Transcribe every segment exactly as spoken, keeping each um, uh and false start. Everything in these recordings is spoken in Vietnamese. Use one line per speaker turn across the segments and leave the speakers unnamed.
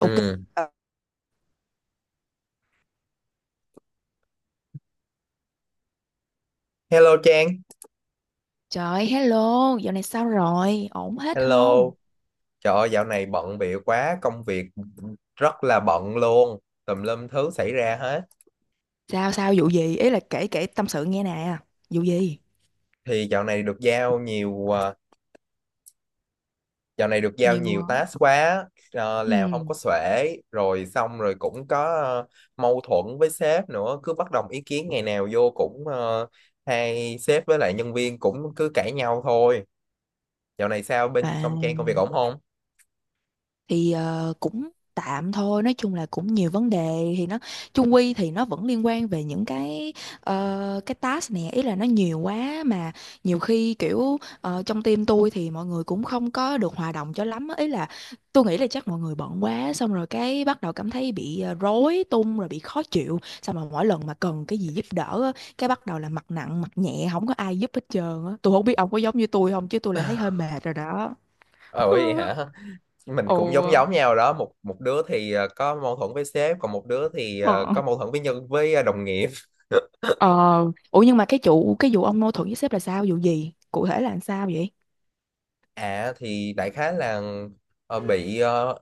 Ok.
Ừ.
Ờ,
Hello Trang,
Trời, hello, dạo này sao rồi? Ổn hết
hello.
không?
Trời ơi, dạo này bận bịu quá, công việc rất là bận luôn, tùm lum thứ xảy ra hết.
Sao sao vụ gì? Ý là kể kể tâm sự nghe nè. Vụ gì?
Thì dạo này được giao nhiều, à, dạo này được giao
Nhiều
nhiều
ạ.
task quá, ờ, làm không
Ừ.
có xuể, rồi xong rồi cũng có ờ, mâu thuẫn với sếp nữa, cứ bất đồng ý kiến ngày nào vô cũng ờ, hay sếp với lại nhân viên cũng cứ cãi nhau thôi. Dạo này sao bên
À,
trong Trang công việc ổn không?
thì ờ, cũng tạm thôi, nói chung là cũng nhiều vấn đề thì nó chung quy thì nó vẫn liên quan về những cái ờ, cái task này, ý là nó nhiều quá. Mà nhiều khi kiểu ờ, trong team tôi thì mọi người cũng không có được hòa đồng cho lắm á. Ý là tôi nghĩ là chắc mọi người bận quá, xong rồi cái bắt đầu cảm thấy bị ờ, rối tung rồi bị khó chịu, xong rồi mỗi lần mà cần cái gì giúp đỡ á, cái bắt đầu là mặt nặng mặt nhẹ, không có ai giúp hết trơn á. Tôi không biết ông có giống như tôi không, chứ tôi là thấy hơi mệt rồi đó.
Ờ vậy hả? Mình
Ồ,
cũng giống giống nhau đó, một một đứa thì ờ, có mâu thuẫn với sếp, còn một đứa thì ờ,
ờ.
có mâu thuẫn với nhân với ờ, đồng nghiệp.
Ờ, ủa nhưng mà cái chủ cái vụ ông mâu thuẫn với sếp là sao? Vụ gì? Cụ thể là làm sao vậy?
À thì đại khái là ờ, bị ờ,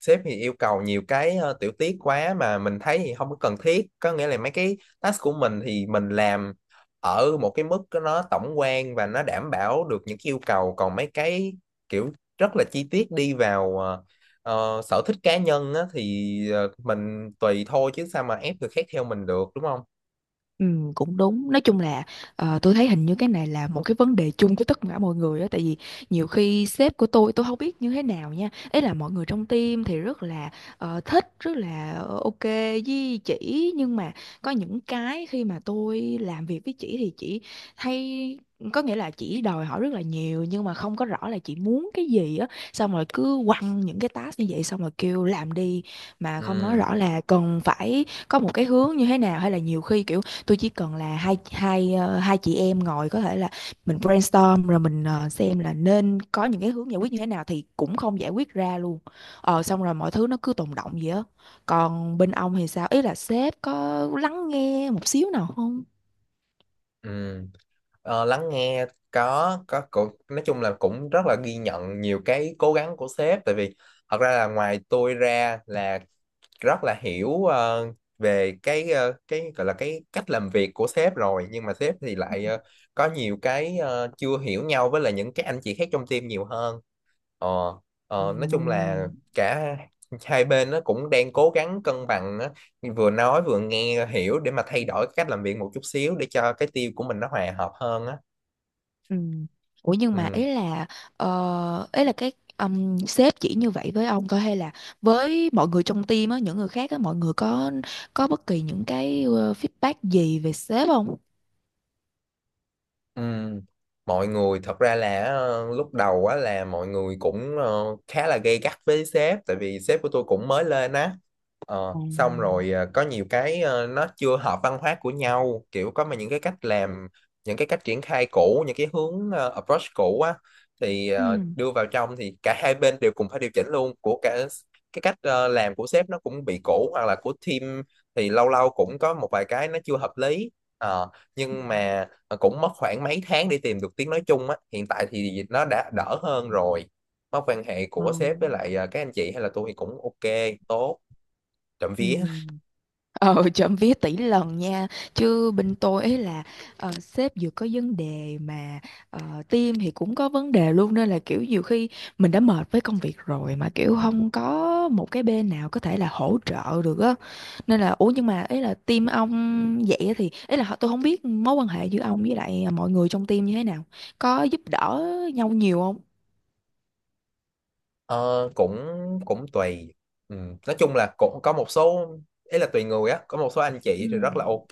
sếp thì yêu cầu nhiều cái ờ, tiểu tiết quá mà mình thấy thì không có cần thiết, có nghĩa là mấy cái task của mình thì mình làm ở một cái mức nó tổng quan và nó đảm bảo được những cái yêu cầu, còn mấy cái kiểu rất là chi tiết đi vào ờ, ờ, sở thích cá nhân á, thì ờ, mình tùy thôi chứ sao mà ép người khác theo mình được đúng không.
Ừ, cũng đúng. Nói chung là ờ, tôi thấy hình như cái này là một cái vấn đề chung của tất cả mọi người á, tại vì nhiều khi sếp của tôi tôi không biết như thế nào nha, ấy là mọi người trong team thì rất là ờ, thích, rất là ờ, ok với chị. Nhưng mà có những cái khi mà tôi làm việc với chị thì chị hay, có nghĩa là chị đòi hỏi rất là nhiều nhưng mà không có rõ là chị muốn cái gì á, xong rồi cứ quăng những cái task như vậy xong rồi kêu làm đi, mà không nói
Ừ,
rõ là cần phải có một cái hướng như thế nào. Hay là nhiều khi kiểu tôi chỉ cần là hai hai ờ, hai chị em ngồi, có thể là mình brainstorm rồi mình ờ, xem là nên có những cái hướng giải quyết như thế nào, thì cũng không giải quyết ra luôn. Ờ, xong rồi mọi thứ nó cứ tồn đọng vậy á. Còn bên ông thì sao, ý là sếp có lắng nghe một xíu nào không?
ừ. Ờ, lắng nghe có có cũng nói chung là cũng rất là ghi nhận nhiều cái cố gắng của sếp, tại vì thật ra là ngoài tôi ra là rất là hiểu ờ, về cái ờ, cái gọi là cái cách làm việc của sếp rồi, nhưng mà sếp thì lại ờ, có nhiều cái ờ, chưa hiểu nhau với là những cái anh chị khác trong team nhiều hơn. Ờ,
À,
ờ, nói chung là cả hai bên nó cũng đang cố gắng cân bằng á, vừa nói vừa nghe hiểu để mà thay đổi cách làm việc một chút xíu để cho cái team của mình nó hòa hợp hơn á.
ừ, ủa nhưng mà
Ừ,
ý là ờ, ý là cái um, sếp chỉ như vậy với ông thôi hay là với mọi người trong team á, những người khác á, mọi người có có bất kỳ những cái ờ, feedback gì về sếp không?
ừ. Mọi người thật ra là ờ, lúc đầu á là mọi người cũng ờ, khá là gay gắt với sếp, tại vì sếp của tôi cũng mới lên á. Ờ,
À,
xong rồi ờ, có nhiều cái ờ, nó chưa hợp văn hóa của nhau, kiểu có mà những cái cách làm, những cái cách triển khai cũ, những cái hướng ờ, approach cũ á thì ờ,
ừ.
đưa vào trong thì cả hai bên đều cùng phải điều chỉnh luôn, của cả cái cách ờ, làm của sếp nó cũng bị cũ, hoặc là của team thì lâu lâu cũng có một vài cái nó chưa hợp lý. Ờ, nhưng mà ờ, cũng mất khoảng mấy tháng để tìm được tiếng nói chung á, hiện tại thì nó đã đỡ hơn rồi, mối quan hệ của sếp với
Ngon.
lại ờ, các anh chị hay là tôi thì cũng ok, tốt, trộm
Ừ.
vía.
Ờ, trộm vía tỷ lần nha. Chứ bên tôi ấy là ờ, sếp vừa có vấn đề, mà uh, team thì cũng có vấn đề luôn. Nên là kiểu nhiều khi mình đã mệt với công việc rồi mà kiểu không có một cái bên nào có thể là hỗ trợ được á. Nên là, ủa nhưng mà ấy là team ông vậy thì ấy là tôi không biết mối quan hệ giữa ông với lại mọi người trong team như thế nào. Có giúp đỡ nhau nhiều không?
Ờ, cũng Cũng tùy. Ừ. Nói chung là cũng có một số, ý là tùy người á, có một số anh
Ừ.
chị thì rất là ok,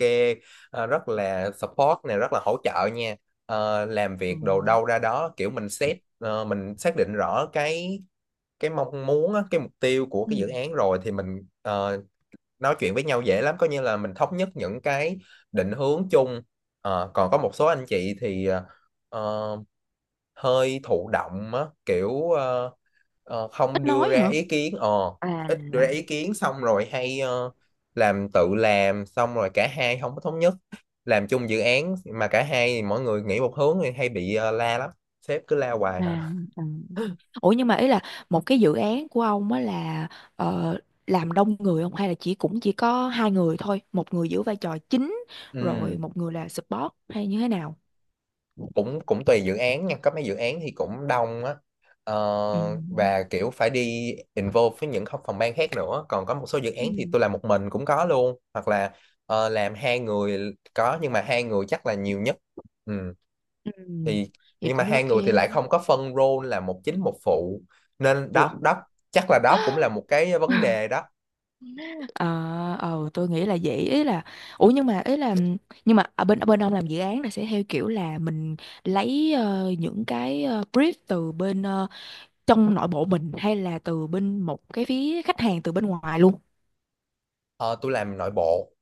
ờ, rất là support này, rất là hỗ trợ nha. Ờ, làm
Ừ.
việc đồ đâu ra đó, kiểu mình xét ờ, mình xác định rõ cái cái mong muốn á, cái mục tiêu của cái
Ừ.
dự án rồi thì mình ờ, nói chuyện với nhau dễ lắm, coi như là mình thống nhất những cái định hướng chung. Ờ, còn có một số anh chị thì ờ, ờ, hơi thụ động á, kiểu ờ, ờ, không
Ít
đưa
nói hả?
ra ý kiến, ờ
À,
ít đưa ra ý kiến, xong rồi hay ờ, làm tự làm xong rồi cả hai không có thống nhất, làm chung dự án mà cả hai mỗi người nghĩ một hướng thì hay bị ờ, la lắm, sếp cứ la hoài hả?
à, ừ. Ủa nhưng mà ý là một cái dự án của ông á là ờ, làm đông người không, hay là chỉ cũng chỉ có hai người thôi, một người giữ vai trò chính
Ừ.
rồi một người là support, hay như thế nào?
cũng cũng tùy dự án nha, có mấy dự án thì cũng đông á. Ờ,
Ừ.
và kiểu phải đi involve với những phòng ban khác nữa, còn có một số dự án thì
Ừ.
tôi làm một mình cũng có luôn, hoặc là ờ, làm hai người có, nhưng mà hai người chắc là nhiều nhất. Ừ.
Ừ.
Thì
Vậy
nhưng mà
cũng
hai
ok.
người thì lại không có phân role là một chính một phụ, nên đó
Ủa,
đó chắc là đó cũng là một cái vấn đề đó.
ờ, ờ, tôi nghĩ là vậy. Ý là, ủa nhưng mà ý là ừ, nhưng mà ở bên ở bên ông làm dự án là sẽ theo kiểu là mình lấy ờ, những cái ờ, brief từ bên ờ, trong nội bộ mình, hay là từ bên một cái phía khách hàng từ bên ngoài luôn?
Ờ, tôi làm nội bộ.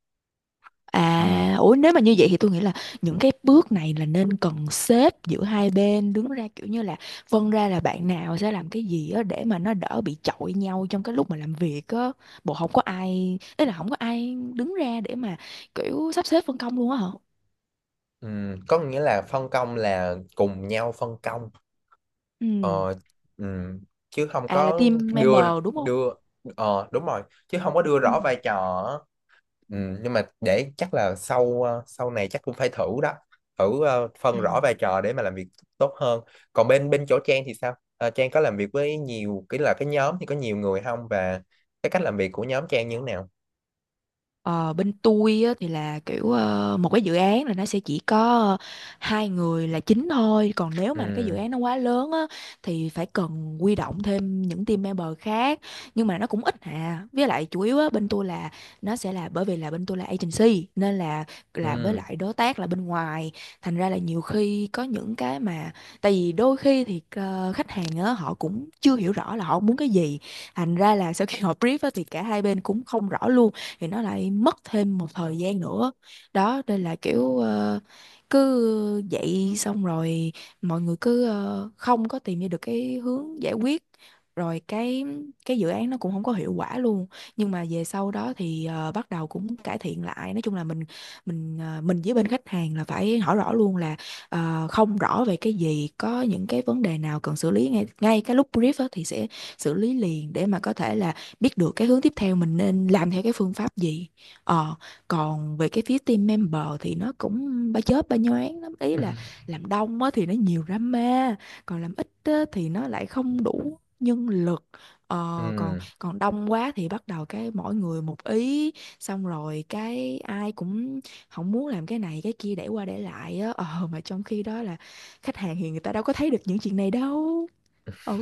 Ừ.
À, ủa nếu mà như vậy thì tôi nghĩ là những cái bước này là nên cần xếp giữa hai bên đứng ra, kiểu như là phân ra là bạn nào sẽ làm cái gì á để mà nó đỡ bị chọi nhau trong cái lúc mà làm việc á. Bộ không có ai, ý là không có ai đứng ra để mà kiểu sắp xếp phân công luôn á hả?
Ừ. Có nghĩa là phân công là cùng nhau phân công.
Ừ,
Ờ, ừm, Chứ không
à là
có
team
đưa
member đúng không?
đưa ờ đúng rồi, chứ không có đưa
Ừ.
rõ vai trò á. Ừm, nhưng mà để chắc là sau ờ, sau này chắc cũng phải thử đó, thử ờ,
Ừ.
phân rõ vai trò để mà làm việc tốt hơn. Còn bên bên chỗ Trang thì sao? Ờ, Trang có làm việc với nhiều cái là cái nhóm thì có nhiều người không, và cái cách làm việc của nhóm Trang như thế nào?
Ờ, bên tôi á, thì là kiểu ờ, một cái dự án là nó sẽ chỉ có ờ, hai người là chính thôi. Còn nếu mà cái dự
Ừ.
án nó quá lớn á, thì phải cần huy động thêm những team member khác, nhưng mà nó cũng ít à. Với lại chủ yếu á, bên tôi là nó sẽ là, bởi vì là bên tôi là agency nên là làm với
Ừ.
lại đối tác là bên ngoài. Thành ra là nhiều khi có những cái mà, tại vì đôi khi thì ờ, khách hàng á, họ cũng chưa hiểu rõ là họ muốn cái gì, thành ra là sau khi họ brief á, thì cả hai bên cũng không rõ luôn, thì nó lại mất thêm một thời gian nữa. Đó, đây là kiểu ờ, cứ dậy xong rồi mọi người cứ ờ, không có tìm ra được cái hướng giải quyết, rồi cái cái dự án nó cũng không có hiệu quả luôn. Nhưng mà về sau đó thì ờ, bắt đầu cũng cải thiện lại. Nói chung là mình mình ờ, mình với bên khách hàng là phải hỏi rõ luôn là ờ, không rõ về cái gì, có những cái vấn đề nào cần xử lý, ngay ngay cái lúc brief á thì sẽ xử lý liền để mà có thể là biết được cái hướng tiếp theo mình nên làm theo cái phương pháp gì. Ờ, còn về cái phía team member thì nó cũng ba chớp ba nhoáng lắm, ý là làm đông á thì nó nhiều drama, còn làm ít á thì nó lại không đủ nhân lực. Ờ, còn
Ừ.
còn đông quá thì bắt đầu cái mỗi người một ý, xong rồi cái ai cũng không muốn làm cái này cái kia, để qua để lại á. Ờ mà trong khi đó là khách hàng thì người ta đâu có thấy được những chuyện này đâu. Ừ,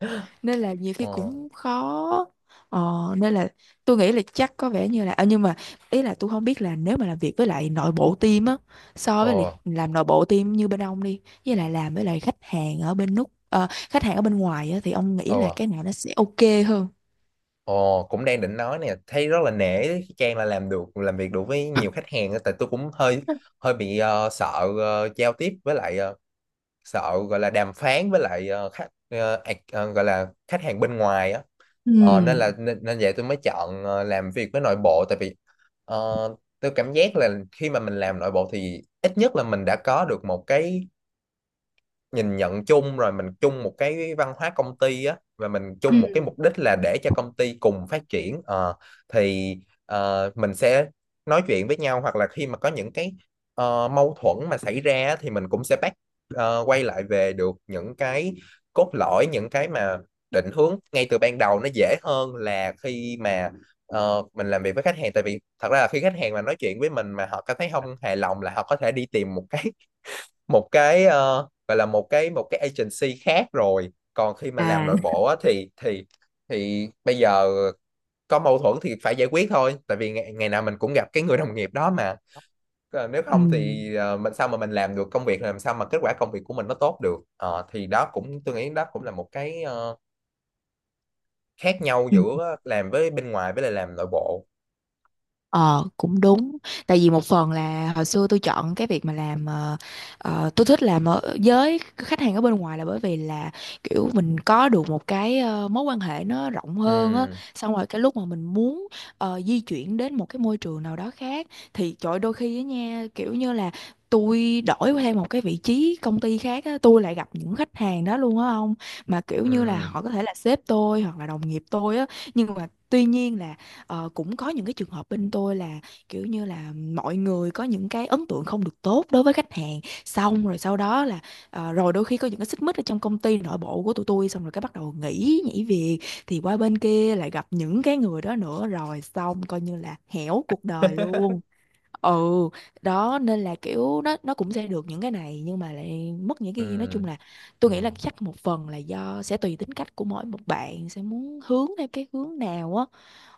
nên là nhiều khi
ờ
cũng khó. ờ, Nên là tôi nghĩ là chắc có vẻ như là à, nhưng mà ý là tôi không biết là nếu mà làm việc với lại nội bộ team á, so với lại
ờ
làm nội bộ team như bên ông đi, với lại làm với lại khách hàng ở bên nút ờ, khách hàng ở bên ngoài á, thì ông nghĩ
ờ
là cái nào nó sẽ ok hơn?
Ồ, cũng đang định nói nè, thấy rất là nể đấy, khi Trang là làm được, làm việc được với nhiều khách hàng á, tại tôi cũng hơi hơi bị ờ, sợ ờ, giao tiếp với lại ờ, sợ gọi là đàm phán với lại ờ, khách ờ, ac- ờ, gọi là khách hàng bên ngoài á.
Ừ.
Ờ, nên là nên, nên vậy tôi mới chọn ờ, làm việc với nội bộ, tại vì ờ, tôi cảm giác là khi mà mình làm nội bộ thì ít nhất là mình đã có được một cái nhìn nhận chung rồi, mình chung một cái văn hóa công ty á, và mình
Ừ.
chung một cái mục đích là để cho công ty cùng phát triển. Ờ, thì ờ, mình sẽ nói chuyện với nhau, hoặc là khi mà có những cái ờ, mâu thuẫn mà xảy ra á, thì mình cũng sẽ back ờ, quay lại về được những cái cốt lõi, những cái mà định hướng ngay từ ban đầu, nó dễ hơn là khi mà ờ, mình làm việc với khách hàng, tại vì thật ra là khi khách hàng mà nói chuyện với mình mà họ cảm thấy không hài lòng là họ có thể đi tìm một cái một cái ờ, gọi là một cái một cái agency khác rồi. Còn khi mà làm
À.
nội bộ á, thì thì thì bây giờ có mâu thuẫn thì phải giải quyết thôi, tại vì ngày, ngày nào mình cũng gặp cái người đồng nghiệp đó mà. Ờ, nếu
Ừ.
không thì ờ, mình sao mà mình làm được công việc, làm sao mà kết quả công việc của mình nó tốt được. Ờ, thì đó, cũng tôi nghĩ đó cũng là một cái ờ, khác nhau
Ừ.
giữa làm với bên ngoài với lại làm nội bộ.
Ờ, cũng đúng. Tại vì một phần là hồi xưa tôi chọn cái việc mà làm ờ, ờ, tôi thích làm ở với khách hàng ở bên ngoài là bởi vì là kiểu mình có được một cái ờ, mối quan hệ nó rộng hơn á.
Ừ.
Xong rồi cái lúc mà mình muốn ờ, di chuyển đến một cái môi trường nào đó khác, thì trời ơi, đôi khi á nha kiểu như là tôi đổi thêm một cái vị trí công ty khác á, tôi lại gặp những khách hàng đó luôn á ông. Mà kiểu như là
Ừ.
họ có thể là sếp tôi hoặc là đồng nghiệp tôi á. Nhưng mà tuy nhiên là ờ, cũng có những cái trường hợp bên tôi là kiểu như là mọi người có những cái ấn tượng không được tốt đối với khách hàng, xong rồi sau đó là ờ, rồi đôi khi có những cái xích mích ở trong công ty nội bộ của tụi tôi, xong rồi cái bắt đầu nghỉ nhảy việc, thì qua bên kia lại gặp những cái người đó nữa, rồi xong coi như là hẻo cuộc đời luôn. Ừ, đó, nên là kiểu nó nó cũng sẽ được những cái này nhưng mà lại mất những
Ừ.
cái kia. Nói chung là tôi nghĩ là
ừ
chắc một phần là do sẽ tùy tính cách của mỗi một bạn sẽ muốn hướng theo cái hướng nào á.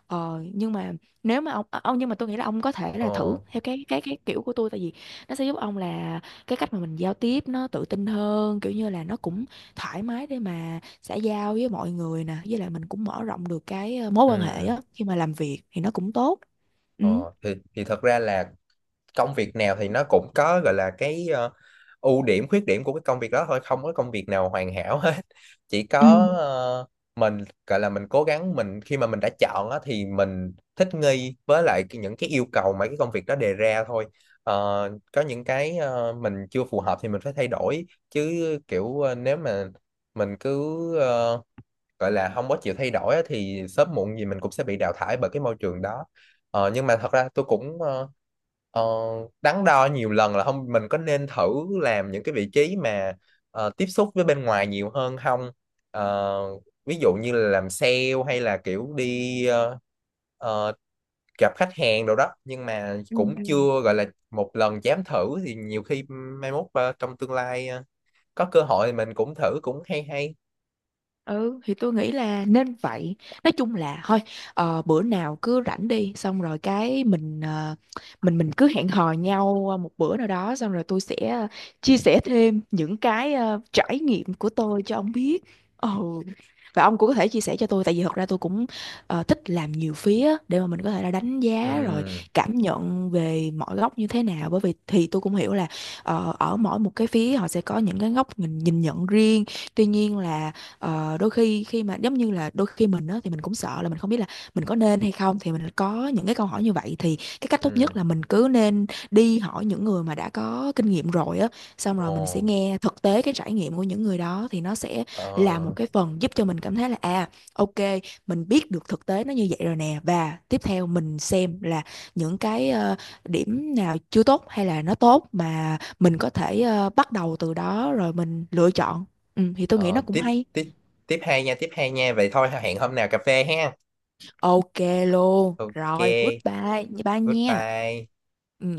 Ờ, nhưng mà nếu mà ông ờ, ông nhưng mà tôi nghĩ là ông có thể là thử
ờ
theo cái cái cái kiểu của tôi, tại vì nó sẽ giúp ông là cái cách mà mình giao tiếp nó tự tin hơn, kiểu như là nó cũng thoải mái để mà xã giao với mọi người nè, với lại mình cũng mở rộng được cái ờ, mối quan hệ
ừ
á, khi mà làm việc thì nó cũng tốt. Ừ.
ờ thì thì thật ra là công việc nào thì nó cũng có gọi là cái ờ, ưu điểm khuyết điểm của cái công việc đó thôi, không có công việc nào hoàn hảo hết. Chỉ có
Ừ.
ờ, mình gọi là mình cố gắng mình khi mà mình đã chọn á, thì mình thích nghi với lại cái- những cái yêu cầu mà cái công việc đó đề ra thôi. Ờ, có những cái ờ, mình chưa phù hợp thì mình phải thay đổi chứ, kiểu ờ, nếu mà mình cứ ờ, gọi là không có chịu thay đổi á, thì sớm muộn gì mình cũng sẽ bị đào thải bởi cái môi trường đó. Ờ, nhưng mà thật ra tôi cũng ờ, ờ, đắn đo nhiều lần là không mình có nên thử làm những cái vị trí mà ờ, tiếp xúc với bên ngoài nhiều hơn không. Ờ, ví dụ như là làm sale, hay là kiểu đi ờ, ờ, gặp khách hàng đồ đó, nhưng mà
Ừ.
cũng
Ừ.
chưa gọi là một lần dám thử, thì nhiều khi mai mốt ờ, trong tương lai ờ, có cơ hội thì mình cũng thử cũng hay hay.
Ừ thì tôi nghĩ là nên vậy. Nói chung là thôi, ờ, bữa nào cứ rảnh đi, xong rồi cái mình ờ, mình mình cứ hẹn hò nhau ờ, một bữa nào đó, xong rồi tôi sẽ ờ, chia sẻ thêm những cái ờ, trải nghiệm của tôi cho ông biết. Ừ. Và ông cũng có thể chia sẻ cho tôi. Tại vì thật ra tôi cũng ờ, thích làm nhiều phía, để mà mình có thể là đánh giá rồi
Ừ.
cảm nhận về mọi góc như thế nào. Bởi vì thì tôi cũng hiểu là ờ, ở mỗi một cái phía họ sẽ có những cái góc nhìn, nhìn nhận riêng. Tuy nhiên là ờ, đôi khi khi mà giống như là đôi khi mình á, thì mình cũng sợ là mình không biết là mình có nên hay không, thì mình có những cái câu hỏi như vậy, thì cái cách tốt nhất
Ừ.
là mình cứ nên đi hỏi những người mà đã có kinh nghiệm rồi á, xong rồi
Ồ,
mình sẽ nghe thực tế cái trải nghiệm của những người đó, thì nó sẽ
ờ,
là một cái phần giúp cho mình cảm thấy là à, ok, mình biết được thực tế nó như vậy rồi nè. Và tiếp theo mình xem là những cái ờ, điểm nào chưa tốt hay là nó tốt, mà mình có thể ờ, bắt đầu từ đó rồi mình lựa chọn. Ừ, thì tôi nghĩ nó
ờ,
cũng
tiếp
hay.
tiếp tiếp hai nha, tiếp hai nha. Vậy thôi hẹn hôm nào cà phê ha.
Ok luôn.
Ok,
Rồi, goodbye. Bye nha.
goodbye.